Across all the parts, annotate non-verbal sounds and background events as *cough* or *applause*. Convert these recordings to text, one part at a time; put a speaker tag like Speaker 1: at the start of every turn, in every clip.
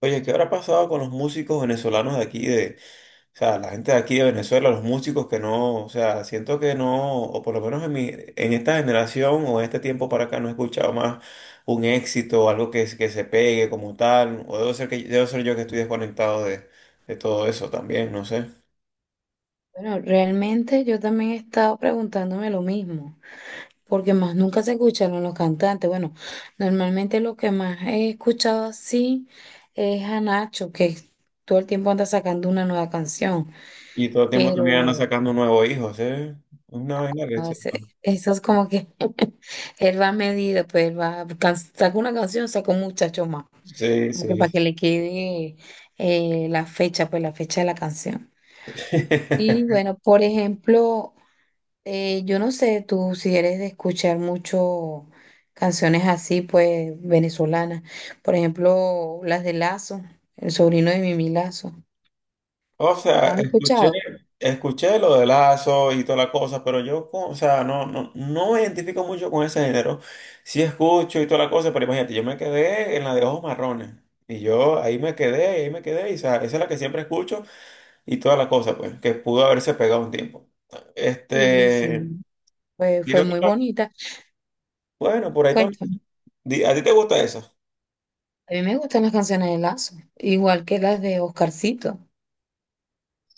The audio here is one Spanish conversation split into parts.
Speaker 1: Oye, ¿qué habrá pasado con los músicos venezolanos de aquí? O sea, la gente de aquí de Venezuela, los músicos que no, o sea, siento que no, o por lo menos en esta generación o en este tiempo para acá no he escuchado más un éxito, algo que se pegue como tal, o debo ser debo ser yo que estoy desconectado de todo eso también, no sé.
Speaker 2: Bueno, realmente yo también he estado preguntándome lo mismo, porque más nunca se escucharon los cantantes. Bueno, normalmente lo que más he escuchado así es a Nacho, que todo el tiempo anda sacando una nueva canción,
Speaker 1: Y todo el tiempo también andan
Speaker 2: pero
Speaker 1: sacando nuevos hijos, ¿eh? Una vaina que...
Speaker 2: eso es como que él va a medida, pues él va, can- saca una canción, saca un muchacho más,
Speaker 1: Sí,
Speaker 2: como que para que
Speaker 1: sí.
Speaker 2: le quede la fecha, pues la fecha de la canción. Y
Speaker 1: *laughs*
Speaker 2: bueno, por ejemplo, yo no sé, tú si eres de escuchar mucho canciones así, pues venezolanas. Por ejemplo, las de Lazo, el sobrino de Mimi Lazo.
Speaker 1: O sea,
Speaker 2: ¿Las has escuchado?
Speaker 1: escuché lo de Lazo y toda la cosa, pero yo, o sea, no, no, no me identifico mucho con ese género. Sí escucho y toda la cosa, pero imagínate, yo me quedé en la de Ojos Marrones. Y yo ahí me quedé, y o sea, esa es la que siempre escucho y toda la cosa, pues, que pudo haberse pegado un tiempo.
Speaker 2: Sí, sí.
Speaker 1: Este,
Speaker 2: Pues
Speaker 1: y
Speaker 2: fue muy
Speaker 1: otra-
Speaker 2: bonita.
Speaker 1: bueno, por ahí también.
Speaker 2: Cuéntame,
Speaker 1: ¿A ti te gusta eso?
Speaker 2: a mí me gustan las canciones de Lazo, igual que las de Oscarcito,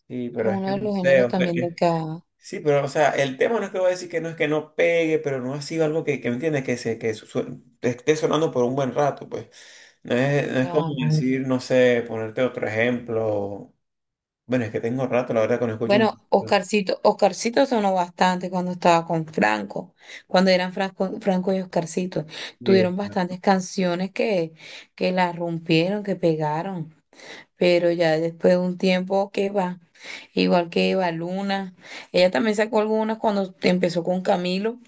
Speaker 1: Sí,
Speaker 2: que es
Speaker 1: pero es que
Speaker 2: uno de
Speaker 1: no
Speaker 2: los
Speaker 1: sé,
Speaker 2: géneros
Speaker 1: Oscar.
Speaker 2: también de acá,
Speaker 1: Sí, pero o sea, el tema no es que voy a decir que no es que no pegue, pero no ha sido algo que me entiendes, que te esté sonando por un buen rato, pues. No es, no es como
Speaker 2: la-
Speaker 1: decir, no sé, ponerte otro ejemplo. Bueno, es que tengo rato, la verdad, que no escucho un.
Speaker 2: Bueno, Oscarcito, Oscarcito sonó bastante cuando estaba con Franco, cuando eran Franco, Franco y Oscarcito.
Speaker 1: Sí,
Speaker 2: Tuvieron
Speaker 1: exacto.
Speaker 2: bastantes canciones que la rompieron, que pegaron, pero ya después de un tiempo que va, igual que Eva Luna, ella también sacó algunas cuando empezó con Camilo,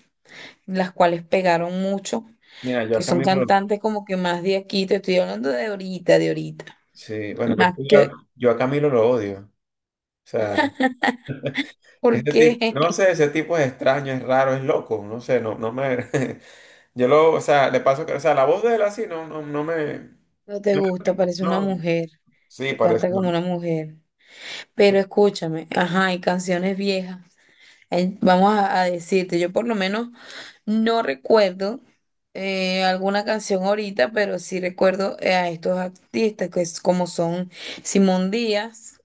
Speaker 2: las cuales pegaron mucho,
Speaker 1: Mira, yo
Speaker 2: que
Speaker 1: a
Speaker 2: son
Speaker 1: Camilo, lo-
Speaker 2: cantantes como que más de aquí, te estoy hablando de ahorita,
Speaker 1: Sí, bueno, pues,
Speaker 2: más que,
Speaker 1: yo a Camilo lo odio. O sea,
Speaker 2: ¿por
Speaker 1: ese tipo,
Speaker 2: qué?
Speaker 1: no sé, ese tipo es extraño, es raro, es loco, no sé, no, no me, *laughs* yo lo, o sea, le paso, que- o sea, la voz de él así,
Speaker 2: No te gusta, parece una
Speaker 1: no,
Speaker 2: mujer.
Speaker 1: sí,
Speaker 2: Él
Speaker 1: parece,
Speaker 2: canta
Speaker 1: no.
Speaker 2: como una mujer. Pero escúchame, ajá, hay canciones viejas. Hay- vamos a decirte, yo por lo menos no recuerdo alguna canción ahorita, pero sí recuerdo a estos artistas que es como son Simón Díaz,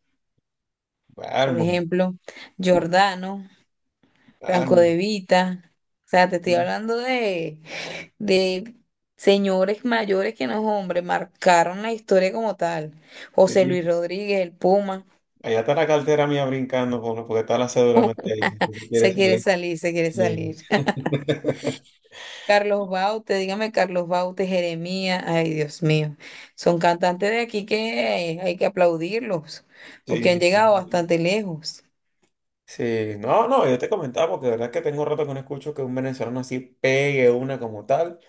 Speaker 2: por
Speaker 1: Almo,
Speaker 2: ejemplo, Jordano, Franco
Speaker 1: almo.
Speaker 2: De Vita. O sea, te estoy hablando de señores mayores que no hombres, marcaron la historia como tal. José Luis
Speaker 1: Sí.
Speaker 2: Rodríguez, el Puma,
Speaker 1: Allá está la cartera mía brincando con- porque está la cédula metida ahí. Si se quiere
Speaker 2: se quiere
Speaker 1: salir.
Speaker 2: salir, se quiere salir.
Speaker 1: Sí.
Speaker 2: *laughs*
Speaker 1: *laughs*
Speaker 2: Carlos Baute, dígame Carlos Baute, Jeremías, ay Dios mío, son cantantes de aquí que hay que aplaudirlos, porque han
Speaker 1: Sí, sí,
Speaker 2: llegado
Speaker 1: sí.
Speaker 2: bastante lejos.
Speaker 1: Sí, no, no, yo te comentaba porque de verdad que tengo rato que no escucho que un venezolano así pegue una como tal.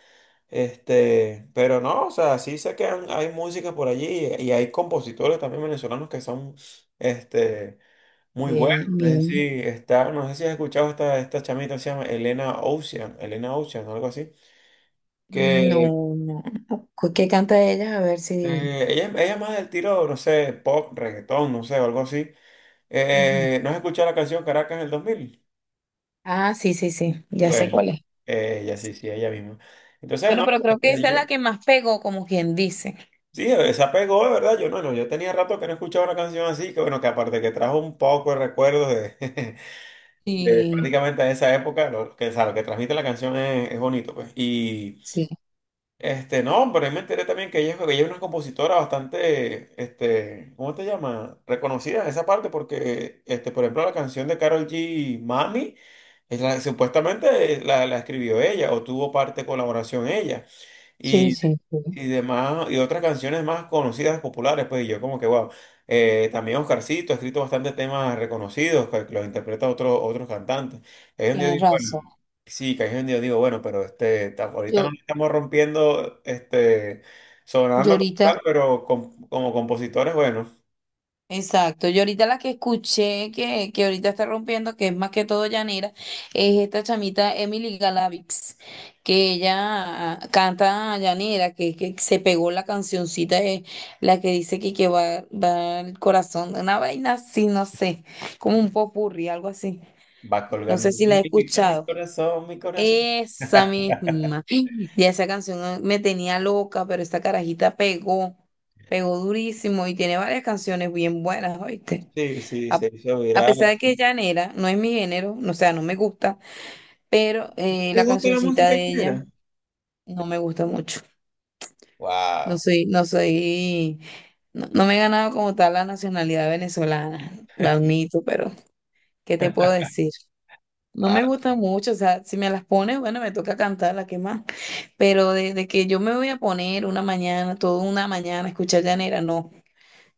Speaker 1: Este, pero no, o sea, sí sé que han- hay música por allí y hay compositores también venezolanos que son este muy buenos.
Speaker 2: Bien,
Speaker 1: Es
Speaker 2: bien.
Speaker 1: decir, está, no sé si has escuchado esta chamita se llama Elena Ocean, Elena Ocean, algo así. Que
Speaker 2: No, no, no. ¿Cu- ¿Qué canta ella? A ver si...
Speaker 1: ella, ella es más del tiro, no sé, pop, reggaetón, no sé, o algo así.
Speaker 2: Ujú.
Speaker 1: ¿No has escuchado la canción Caracas en el 2000?
Speaker 2: Ah, sí, sí, sí, ya sé
Speaker 1: Bueno,
Speaker 2: cuál es.
Speaker 1: ella sí, sí, ella misma. Entonces, no,
Speaker 2: Bueno, pero creo que esa es la
Speaker 1: eh,
Speaker 2: que más pegó, como quien dice.
Speaker 1: sí, se apegó, de verdad, yo no, no, yo tenía rato que no escuchaba una canción así, que bueno, que aparte que trajo un poco de recuerdos de, *laughs* de
Speaker 2: Sí,
Speaker 1: prácticamente esa época, lo que, o sea, lo que transmite la canción es bonito, pues. Y
Speaker 2: sí,
Speaker 1: este, no, pero ahí me enteré también que que ella es una compositora bastante, este, ¿cómo te llama? Reconocida en esa parte porque, este, por ejemplo, la canción de Karol G, Mami, supuestamente la escribió ella o tuvo parte de colaboración ella
Speaker 2: sí, sí, sí,
Speaker 1: y demás, y otras canciones más conocidas, populares, pues y yo como que, wow. También Oscarcito ha escrito bastantes temas reconocidos, que los interpreta otros cantantes. Ahí es donde yo
Speaker 2: tienes
Speaker 1: digo,
Speaker 2: razón.
Speaker 1: bueno, sí, que ahí es donde yo digo, bueno, pero ahorita no
Speaker 2: Yo,
Speaker 1: lo estamos rompiendo, este,
Speaker 2: yo
Speaker 1: sonando como
Speaker 2: ahorita,
Speaker 1: tal, pero como compositores, bueno,
Speaker 2: exacto, yo ahorita la que escuché que ahorita está rompiendo, que es más que todo llanera, es esta chamita Emily Galavix, que ella canta llanera, que se pegó la cancioncita, de, la que dice que va, va el corazón, una vaina así, no sé, como un popurrí, algo así.
Speaker 1: va
Speaker 2: No sé
Speaker 1: colgando un
Speaker 2: si la he
Speaker 1: hilito en mi
Speaker 2: escuchado.
Speaker 1: corazón, mi corazón.
Speaker 2: Esa misma.
Speaker 1: *laughs*
Speaker 2: Ya esa canción ah, me tenía loca, pero esta carajita pegó, pegó durísimo y tiene varias canciones bien buenas, ¿oíste?
Speaker 1: Sí, sí,
Speaker 2: A,
Speaker 1: se hizo
Speaker 2: a
Speaker 1: viral.
Speaker 2: pesar de que es llanera, no es mi género, no- o sea, no me gusta, pero
Speaker 1: ¿Te
Speaker 2: la
Speaker 1: gusta la
Speaker 2: cancioncita
Speaker 1: música
Speaker 2: de ella
Speaker 1: ligera?
Speaker 2: no me gusta mucho. No
Speaker 1: Wow.
Speaker 2: soy, no soy, no, no me he ganado como tal la nacionalidad venezolana, la admito, pero ¿qué te puedo decir? No me gusta mucho, o sea, si me las pones, bueno, me toca cantarla, ¿qué más? Pero desde que yo me voy a poner una mañana, toda una mañana, a escuchar llanera, no.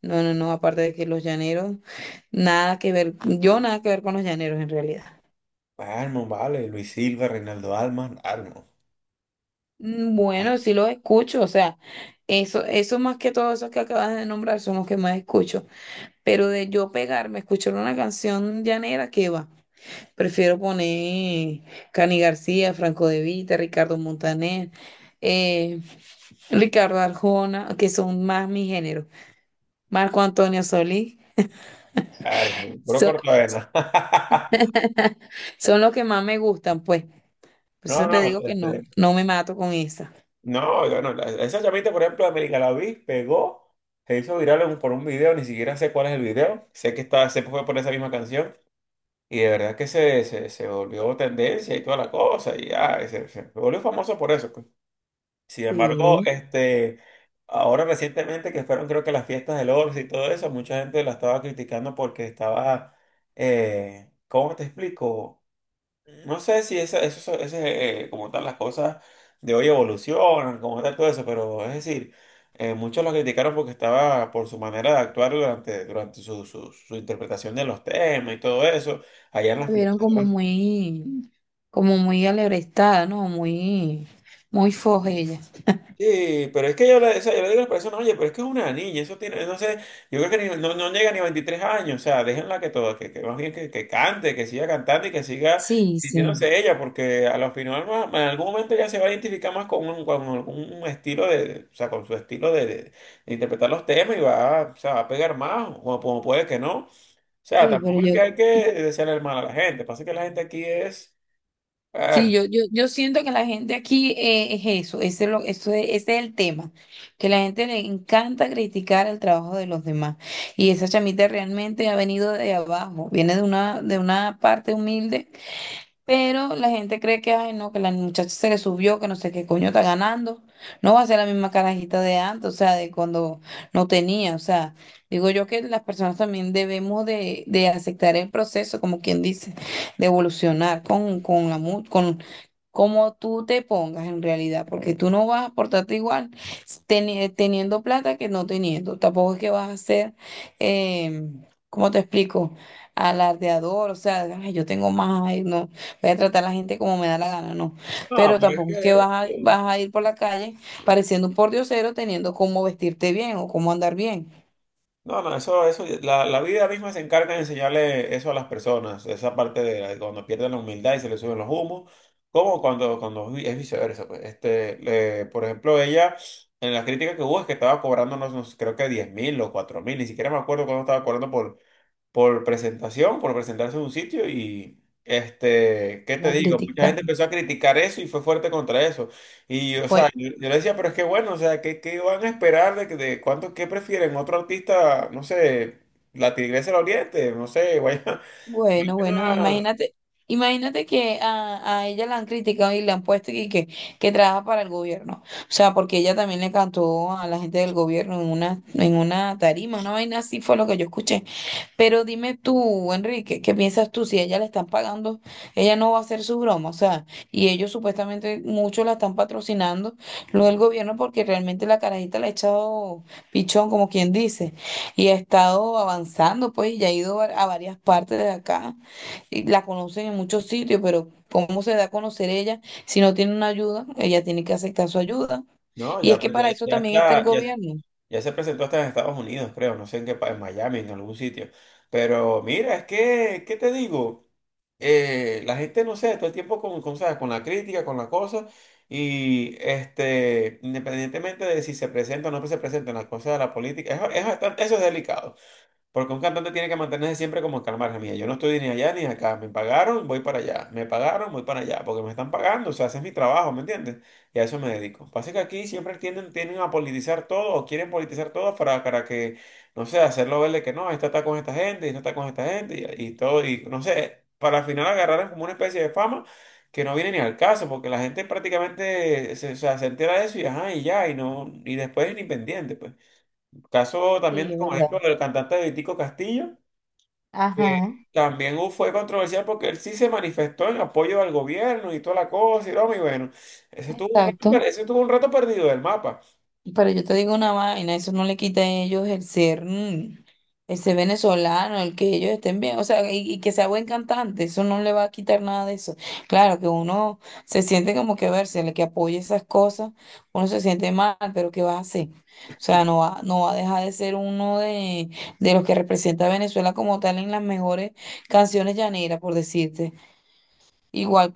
Speaker 2: No, no, no, aparte de que los llaneros, nada que ver, yo nada que ver con los llaneros en realidad.
Speaker 1: Armo, vale, Luis Silva, Reinaldo Alman, Armo.
Speaker 2: Mm, bueno, sí los escucho, o sea, eso más que todo, esos que acabas de nombrar son los que más escucho. Pero de yo pegarme, escuchar una canción llanera, ¿qué va? Prefiero poner Cani García, Franco De Vita, Ricardo Montaner, eh, Ricardo Arjona, que son más mi género. Marco Antonio Solís.
Speaker 1: Armo, puro
Speaker 2: So-
Speaker 1: cortavena. *laughs*
Speaker 2: *laughs* son los que más me gustan, pues. Por
Speaker 1: No,
Speaker 2: eso te
Speaker 1: no,
Speaker 2: digo que no,
Speaker 1: este,
Speaker 2: no me mato con esa.
Speaker 1: no, yo no, esa llamita, por ejemplo, de América la vi, pegó, se hizo viral en- por un video, ni siquiera sé cuál es el video, sé que está, se fue por esa misma canción, y de verdad que se volvió tendencia y toda la cosa, y ya, y se volvió famoso por eso, pues. Sin embargo,
Speaker 2: Sí,
Speaker 1: este, ahora recientemente que fueron creo que las fiestas del Oro y todo eso, mucha gente la estaba criticando porque estaba, ¿cómo te explico? No sé si eso es, como tal las cosas de hoy evolucionan, como tal todo eso, pero es decir, muchos la criticaron porque estaba por su manera de actuar durante su interpretación de los temas y todo eso, allá en
Speaker 2: me
Speaker 1: las
Speaker 2: vieron
Speaker 1: fiestas.
Speaker 2: como muy alebrestada, ¿no? Muy, muy foja ella.
Speaker 1: Sí, pero es que yo le, o sea, yo le digo a las personas, oye, pero es que es una niña, eso tiene, no sé, yo creo que no, no llega ni a 23 años, o sea, déjenla que todo, que más bien que cante, que siga cantando y que siga
Speaker 2: Sí, sí.
Speaker 1: sintiéndose ella, porque a lo final en algún momento ya se va a identificar más con un, con algún estilo de, o sea, con su estilo de interpretar los temas y o sea, va a pegar más, o como, como puede que no. O sea,
Speaker 2: Sí, pero
Speaker 1: tampoco es
Speaker 2: yo
Speaker 1: que hay que desearle el mal a la gente, pasa que la gente aquí es... A
Speaker 2: sí,
Speaker 1: ver.
Speaker 2: yo siento que la gente aquí es eso, ese es, lo, eso es, ese es el tema, que la gente le encanta criticar el trabajo de los demás. Y esa chamita realmente ha venido de abajo, viene de una parte humilde, pero la gente cree que, ay, no, que la muchacha se le subió, que no sé qué coño está ganando, no va a ser la misma carajita de antes, o sea, de cuando no tenía, o sea, digo yo que las personas también debemos de aceptar el proceso, como quien dice, de evolucionar con la... mu- con como tú te pongas en realidad, porque tú no vas a portarte igual teni- teniendo plata que no teniendo. Tampoco es que vas a ser, eh, ¿cómo te explico? Alardeador, o sea, "Ay, yo tengo más, ay, no, voy a tratar a la gente como me da la gana, no.
Speaker 1: No,
Speaker 2: Pero
Speaker 1: pero es
Speaker 2: tampoco es que
Speaker 1: que...
Speaker 2: vas a, vas a ir por la calle pareciendo un pordiosero teniendo cómo vestirte bien o cómo andar bien.
Speaker 1: No, no, la vida misma se encarga de enseñarle eso a las personas, esa parte de cuando pierden la humildad y se le suben los humos, como es viceversa, pues, este, por ejemplo, ella, en la crítica que hubo es que estaba cobrándonos, creo que 10.000 o 4.000, ni siquiera me acuerdo cuándo estaba cobrando por presentación, por presentarse en un sitio y, este, ¿qué te
Speaker 2: La
Speaker 1: digo? Mucha
Speaker 2: crítica.
Speaker 1: gente empezó a criticar eso y fue fuerte contra eso. Y, o sea,
Speaker 2: Pues.
Speaker 1: yo le decía, pero es que bueno, o sea, ¿qué, qué van a esperar de, de cuánto, qué prefieren? Otro artista, no sé, La Tigresa del Oriente, no sé, vaya. *laughs*
Speaker 2: Bueno, bueno,
Speaker 1: Ah,
Speaker 2: imagínate, imagínate que a ella la han criticado y le han puesto y que trabaja para el gobierno. O sea, porque ella también le cantó a la gente del gobierno en una tarima, una vaina así fue lo que yo escuché. Pero dime tú, Enrique, ¿qué piensas tú? Si a ella le están pagando, ella no va a hacer su broma, o sea, y ellos supuestamente muchos la están patrocinando, lo del gobierno, porque realmente la carajita le ha echado pichón, como quien dice, y ha estado avanzando, pues, y ha ido a varias partes de acá, y la conocen en muchos sitios, pero ¿cómo se da a conocer ella si no tiene una ayuda? Ella tiene que aceptar su ayuda,
Speaker 1: no,
Speaker 2: y es
Speaker 1: ya,
Speaker 2: que
Speaker 1: pues, ya,
Speaker 2: para eso
Speaker 1: ya
Speaker 2: también está el
Speaker 1: está, ya.
Speaker 2: gobierno.
Speaker 1: Ya se presentó hasta en Estados Unidos, creo, no sé en qué país, en Miami, en algún sitio. Pero mira, es que, ¿qué te digo? La gente, no sé, todo el tiempo ¿sabes?, con la crítica, con la cosa, y este, independientemente de si se presenta o no se presenta en la cosa de la política, es bastante, eso es delicado. Porque un cantante tiene que mantenerse siempre como que al margen, mira, yo no estoy ni allá ni acá, me pagaron, voy para allá, me pagaron, voy para allá, porque me están pagando, o sea, ese es mi trabajo, ¿me entiendes? Y a eso me dedico. Pasa que aquí siempre tienden, tienden a politizar todo, o quieren politizar todo para que, no sé, hacerlo verle que no, esta está con esta gente, esta está con esta gente, y todo, y no sé, para al final agarrar como una especie de fama que no viene ni al caso, porque la gente prácticamente se, o sea, se entera de eso y ajá, y ya, y no, y después es ni pendiente, pues. Caso también,
Speaker 2: Sí, es
Speaker 1: como
Speaker 2: verdad.
Speaker 1: ejemplo, del cantante Vitico Castillo, que
Speaker 2: Ajá.
Speaker 1: también hu- fue controversial porque él sí se manifestó en apoyo al gobierno y toda la cosa y broma, y bueno, ese tuvo un
Speaker 2: Exacto.
Speaker 1: rato, ese tuvo un rato perdido del mapa.
Speaker 2: Pero yo te digo una vaina, eso no le quita a ellos el ser, mm, el ser venezolano, el que ellos estén bien, o sea, y que sea buen cantante, eso no le va a quitar nada de eso. Claro que uno se siente como que a ver, si el que apoya esas cosas, uno se siente mal, pero ¿qué va a hacer? O sea, no va, no va a dejar de ser uno de los que representa a Venezuela como tal en las mejores canciones llaneras, por decirte. Igual